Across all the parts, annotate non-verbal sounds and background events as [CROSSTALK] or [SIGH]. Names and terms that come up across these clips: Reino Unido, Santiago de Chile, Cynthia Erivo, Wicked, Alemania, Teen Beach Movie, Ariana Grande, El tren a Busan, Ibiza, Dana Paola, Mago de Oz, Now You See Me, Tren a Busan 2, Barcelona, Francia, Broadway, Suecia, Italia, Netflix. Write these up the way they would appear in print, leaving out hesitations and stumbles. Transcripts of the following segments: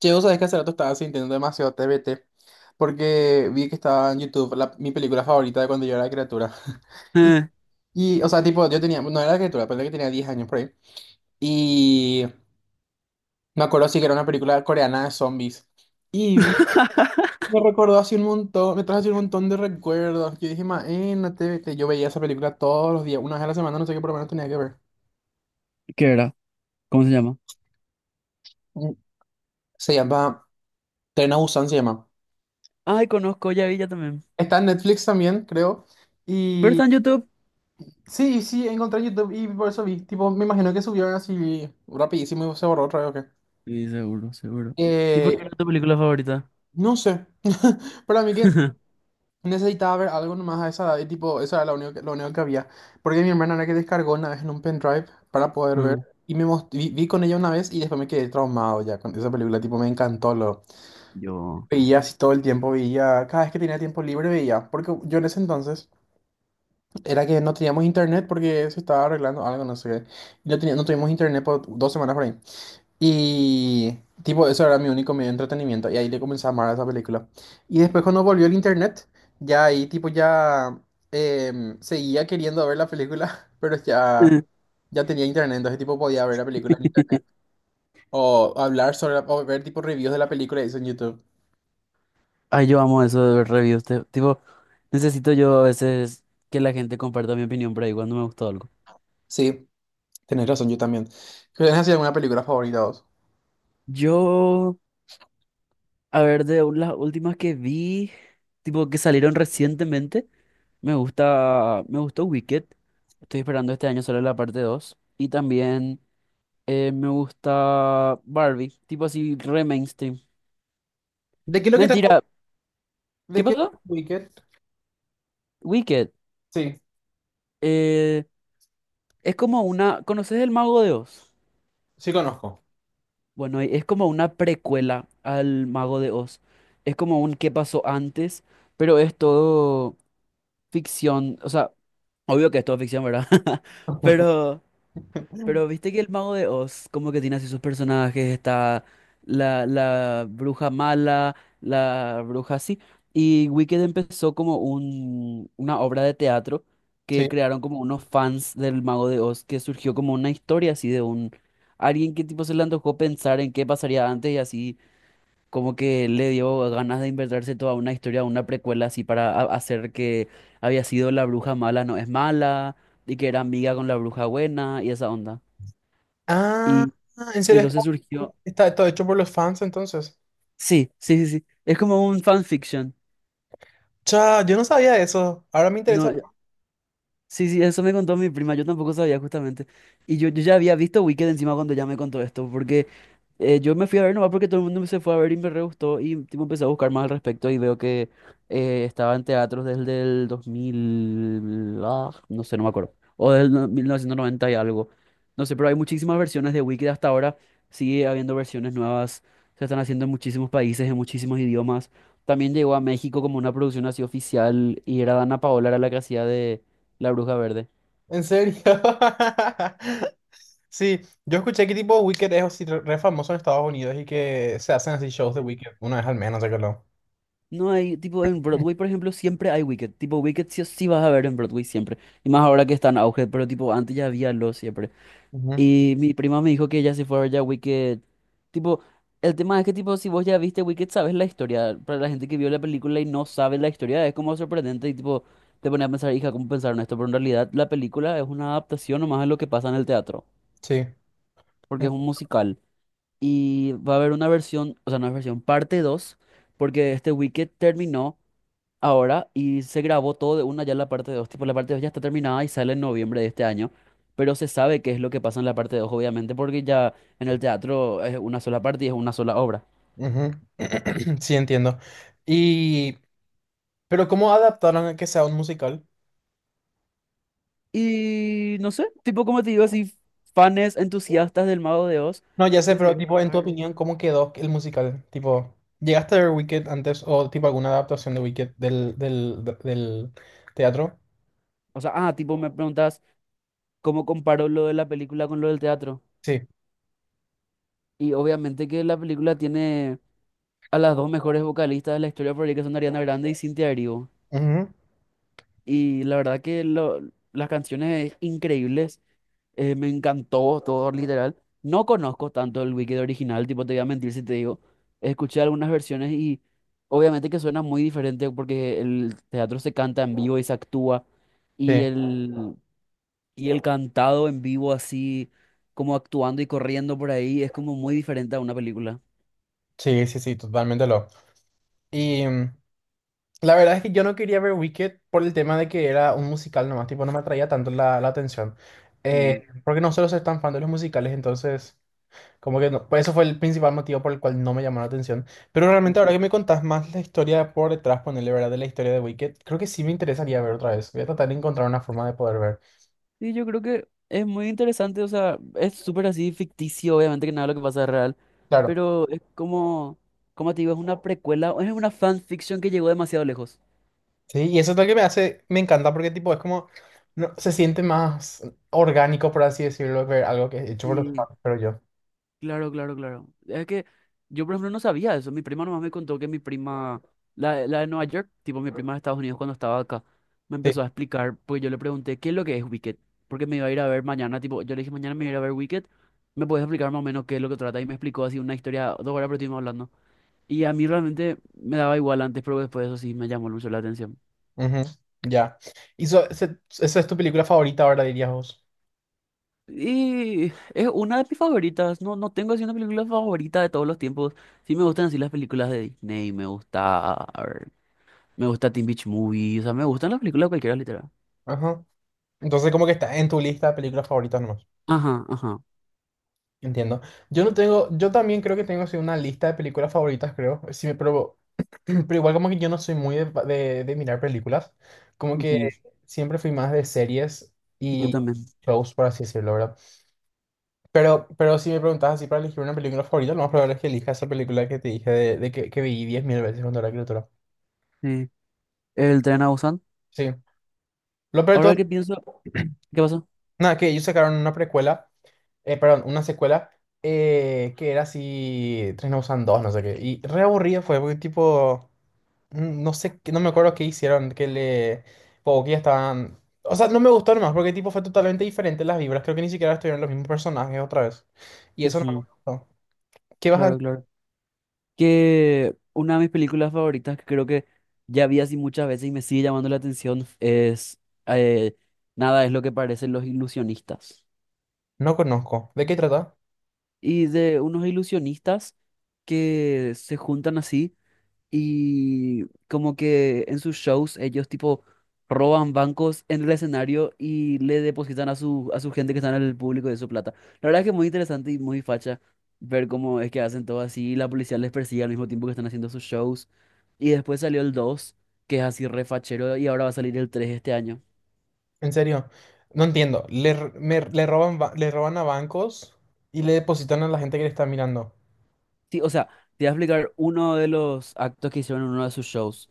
Che, vos sabés que hace rato estaba sintiendo demasiado TBT porque vi que estaba en YouTube mi película favorita de cuando yo era criatura. [LAUGHS] Y, Eh. O sea, tipo, yo tenía, no era criatura, pero que tenía 10 años por ahí. Y me acuerdo sí que era una película coreana de zombies. Y vi- [LAUGHS] Me recordó así un montón, me trajo así un montón de recuerdos. Yo dije, ma, no TBT. Yo veía esa película todos los días, una vez a la semana, no sé qué, por lo menos tenía que ver. ¿Qué era? ¿Cómo se llama? Mm, Se llama Tren a Busan, se llama. Ay, conozco, ya vi, ya también. Está en Netflix también, creo. Pero está en YouTube. Sí, sí, encontré en YouTube y por eso vi. Tipo, me imagino que subió así rapidísimo y se borró otra vez o qué. Sí, seguro, seguro. ¿Y por Eh, qué era tu película favorita? no sé. [LAUGHS] Para mí que [LAUGHS] necesitaba ver algo nomás a esa edad y tipo, eso era lo único lo único que había. Porque mi hermana era que descargó una vez en un pendrive para poder ver. Mm. Vi con ella una vez y después me quedé traumado ya con esa película. Tipo, me encantó. Lo Yo. veía así todo el tiempo, veía. Cada vez que tenía tiempo libre veía. Porque yo en ese entonces era que no teníamos internet porque se estaba arreglando algo, no sé qué. No tuvimos internet por 2 semanas por ahí. Y tipo, eso era mi único medio de entretenimiento. Y ahí le comencé a amar a esa película. Y después cuando volvió el internet, ya ahí tipo seguía queriendo ver la película, [LAUGHS] pero ya, Eh. ya tenía internet, entonces tipo podía ver la película en internet. O ver tipo reviews de la película y eso en YouTube. Ay, yo amo eso de ver reviews. Tipo, necesito yo a veces que la gente comparta mi opinión por ahí cuando me gustó algo. Sí, tenés razón, yo también. ¿Tienes así alguna película favorita vos? Yo, a ver, las últimas que vi, tipo, que salieron recientemente, me gustó Wicked. Estoy esperando este año solo la parte dos. Y también me gusta Barbie, tipo así, re mainstream. ¿De qué es lo que trata? Mentira, ¿De ¿qué qué pasó? ¿Wicked? Wicked. Sí, Eh, es como una. ¿Conoces el Mago de Oz? sí conozco. Bueno, es como una precuela al Mago de Oz. Es como un qué pasó antes, pero es todo ficción. O sea, obvio que es todo ficción, ¿verdad? [LAUGHS] [LAUGHS] Pero Pero viste que el mago de Oz, como que tiene así sus personajes, está la bruja mala, la bruja así. Y Wicked empezó como una obra de teatro que Sí. crearon como unos fans del mago de Oz, que surgió como una historia así de un alguien que tipo se le antojó pensar en qué pasaría antes, y así como que le dio ganas de inventarse toda una historia, una precuela así para hacer que había sido la bruja mala, no es mala, y que era amiga con la bruja buena y esa onda. Ah, Y ¿en serio? entonces surgió, ¿Está todo hecho por los fans entonces? sí, sí, sí, sí, es como un fanfiction. Cha, yo no sabía eso. Ahora me interesa. No, sí, sí, eso me contó mi prima, yo tampoco sabía justamente. Y yo ya había visto Wicked encima cuando ya me contó esto, porque yo me fui a ver nomás porque todo el mundo se fue a ver y me re gustó y tipo, empecé a buscar más al respecto y veo que estaba en teatros desde el 2000, ah, no sé, no me acuerdo, o del 1990 y algo. No sé, pero hay muchísimas versiones de Wicked hasta ahora, sigue habiendo versiones nuevas, se están haciendo en muchísimos países, en muchísimos idiomas. También llegó a México como una producción así oficial y era Dana Paola, era la que hacía de... la Bruja Verde. En serio. [LAUGHS] Sí, yo escuché que tipo Wicked es así re famoso en Estados Unidos y que se hacen así shows de Sí. Wicked una vez al menos, sé que lo. No hay, tipo en Broadway, por ejemplo, siempre hay Wicked. Tipo, Wicked sí o sí vas a ver en Broadway siempre. Y más ahora que está en auge, pero tipo, antes ya había lo siempre. Ujú. Y mi prima me dijo que ella se fue a ver ya Wicked. Tipo, el tema es que, tipo, si vos ya viste Wicked, sabes la historia. Para la gente que vio la película y no sabe la historia, es como sorprendente y tipo, te pone a pensar, hija, ¿cómo pensaron esto? Pero en realidad la película es una adaptación nomás de lo que pasa en el teatro, Sí. porque En- es un musical. Y va a haber una versión, o sea, una versión parte dos, porque este Wicked terminó ahora y se grabó todo de una ya la parte dos. Tipo, la parte 2 ya está terminada y sale en noviembre de este año, pero se sabe qué es lo que pasa en la parte 2 obviamente, porque ya en el teatro es una sola parte y es una sola obra. Ujú. [CLEARS THROAT] Sí, entiendo. Y, pero ¿cómo adaptaron a que sea un musical? Y no sé, tipo, como te digo, así, fans entusiastas del Mago de Oz No, ya sé, pero decidieron tipo, en tu crear. opinión, ¿cómo quedó el musical? Tipo, ¿llegaste a ver Wicked antes o tipo alguna adaptación de Wicked del teatro? O sea, ah, tipo, me preguntas cómo comparo lo de la película con lo del teatro. Sí. Y obviamente que la película tiene a las dos mejores vocalistas de la historia por ahí, que son Ariana Grande y Cynthia Erivo. Ujú. Y la verdad que las canciones increíbles, me encantó todo, literal. No conozco tanto el Wicked original, tipo, te voy a mentir si te digo. Escuché algunas versiones y obviamente que suena muy diferente porque el teatro se canta en vivo y se actúa. Y Sí. el, y el cantado en vivo así, como actuando y corriendo por ahí, es como muy diferente a una película. Sí, sí, sí, totalmente lo. Y mm, la verdad es que yo no quería ver Wicked por el tema de que era un musical nomás, tipo, no me atraía tanto la atención. Mm. Porque no suelo ser tan fan de los musicales, entonces, como que no, pues eso fue el principal motivo por el cual no me llamó la atención. Pero realmente ahora que me contás más la historia por detrás, ponerle verdad de la historia de Wicked, creo que sí me interesaría ver otra vez. Voy a tratar de encontrar una forma de poder ver. Sí, yo creo que es muy interesante, o sea, es súper así ficticio, obviamente que nada de lo que pasa es real, Claro, pero es como, como te digo, es una precuela, es una fanfiction que llegó demasiado lejos. sí, y eso es lo que me hace, me encanta porque tipo, es como, no, se siente más orgánico, por así decirlo, ver algo que es hecho por los Sí, fans, pero yo. claro, claro, claro. Es que yo, por ejemplo, no sabía eso. Mi prima nomás me contó que mi prima, la de Nueva York, tipo mi prima de Estados Unidos cuando estaba acá, me Sí, empezó a explicar, pues yo le pregunté, ¿qué es lo que es Wicked? Porque me iba a ir a ver mañana, tipo, yo le dije, mañana me voy a ir a ver Wicked, ¿me puedes explicar más o menos qué es lo que trata? Y me explicó así una historia, dos horas, pero estuvimos hablando. Y a mí realmente me daba igual antes, pero después de eso sí me llamó mucho la atención. ujú, ya. Esa es tu película favorita ahora, dirías vos. Y es una de mis favoritas. No, no tengo así una película favorita de todos los tiempos. Sí me gustan así las películas de Disney, me gusta, a ver, me gusta Teen Beach Movie, o sea, me gustan las películas cualquiera, literal. Ajá. Entonces, como que está en tu lista de películas favoritas nomás. Ajá, ajá. Entiendo. Yo no tengo, yo también creo que tengo así una lista de películas favoritas, creo. Pero, [CLEARS THROAT] pero igual como que yo no soy muy de mirar películas. Como que Ujú, siempre fui más de series yo y también. shows, por así decirlo, ¿verdad? Pero si me preguntas así para elegir una película favorita, lo más probable es que elija esa película que te dije que vi 10.000 veces cuando era criatura. Sí. El tren a Busan. Sí. Lo peor de todo Ahora que pienso, ¿qué pasó? nada, que ellos sacaron una precuela, perdón, una secuela que era así, Tren a Busan 2, no sé qué. Y re aburrido fue, porque tipo, no sé, no me acuerdo qué hicieron, o que ya estaban. O sea, no me gustó nomás, porque tipo fue totalmente diferente las vibras, creo que ni siquiera estuvieron los mismos personajes otra vez. Y eso no me Ujú, gustó. ¿Qué vas a claro, decir? claro. Que una de mis películas favoritas, que creo que ya vi así muchas veces y me sigue llamando la atención, es eh, Nada es lo que parecen los ilusionistas. No conozco. ¿De qué trata? Y de unos ilusionistas que se juntan así y como que en sus shows ellos tipo roban bancos en el escenario y le depositan a a su gente que está en el público de su plata. La verdad es que es muy interesante y muy facha ver cómo es que hacen todo así. Y la policía les persigue al mismo tiempo que están haciendo sus shows. Y después salió el dos, que es así refachero, y ahora va a salir el 3 este año. En serio, no entiendo. Le roban, le roban a bancos y le depositan a la gente que le está mirando. Sí, o sea, te voy a explicar uno de los actos que hicieron en uno de sus shows.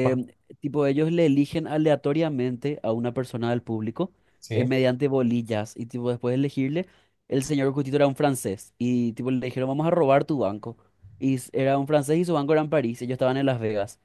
Guau. tipo, ellos le eligen aleatoriamente a una persona del público Sí. mediante bolillas y tipo, después de elegirle, el señor Cutito era un francés y tipo, le dijeron, vamos a robar tu banco. Y era un francés y su banco era en París, ellos estaban en Las Vegas.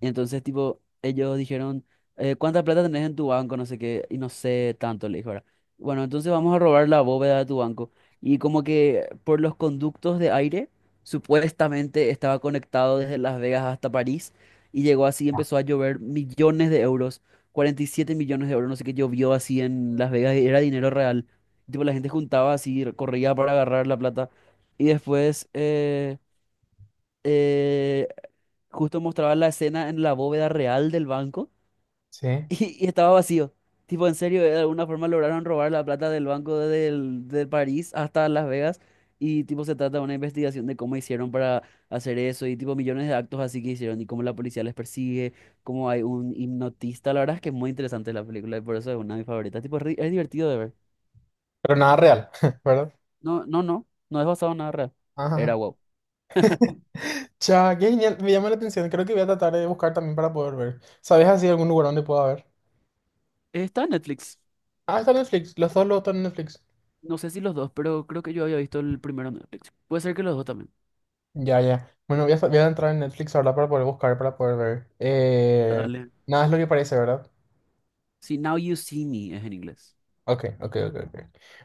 Y entonces, tipo, ellos dijeron, ¿cuánta plata tenés en tu banco? No sé qué, y no sé tanto, le dijo, ¿verdad? Bueno, entonces vamos a robar la bóveda de tu banco. Y como que por los conductos de aire, supuestamente estaba conectado desde Las Vegas hasta París, y llegó así, Ah. empezó a llover millones de euros, 47 millones de euros, no sé qué, llovió así en Las Vegas, y era dinero real. Tipo, la gente juntaba así, corría para agarrar la plata. Y después, eh, justo mostraba la escena en la bóveda real del banco [LAUGHS] Sí. Y estaba vacío. Tipo, en serio, de alguna forma lograron robar la plata del banco de París hasta Las Vegas, y tipo se trata de una investigación de cómo hicieron para hacer eso y tipo millones de actos así que hicieron y cómo la policía les persigue, cómo hay un hipnotista. La verdad es que es muy interesante la película y por eso es una de mis favoritas. Tipo, es divertido de ver. Pero nada real, [LAUGHS] ¿verdad? No, no, no, no es basado en nada real. Era Ajá. wow. Cha, qué genial. Me llama la atención. Creo que voy a tratar de buscar también para poder ver. ¿Sabes así algún lugar donde pueda ver? Está en Netflix. Ah, está en Netflix. Los dos lo están en Netflix. No sé si los dos, pero creo que yo había visto el primero en Netflix. Puede ser que los dos también. Ya, ya. Bueno, voy a entrar en Netflix ahora para poder buscar, para poder ver. Dale. Nada es lo que parece, ¿verdad? Si Now You See Me es en inglés. Ok, ok, ok, ok.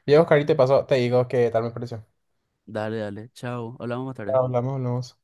Voy a buscar y te paso, te digo qué tal me pareció. Dale, dale. Chao. Hablamos más tarde. Hablamos, hablamos.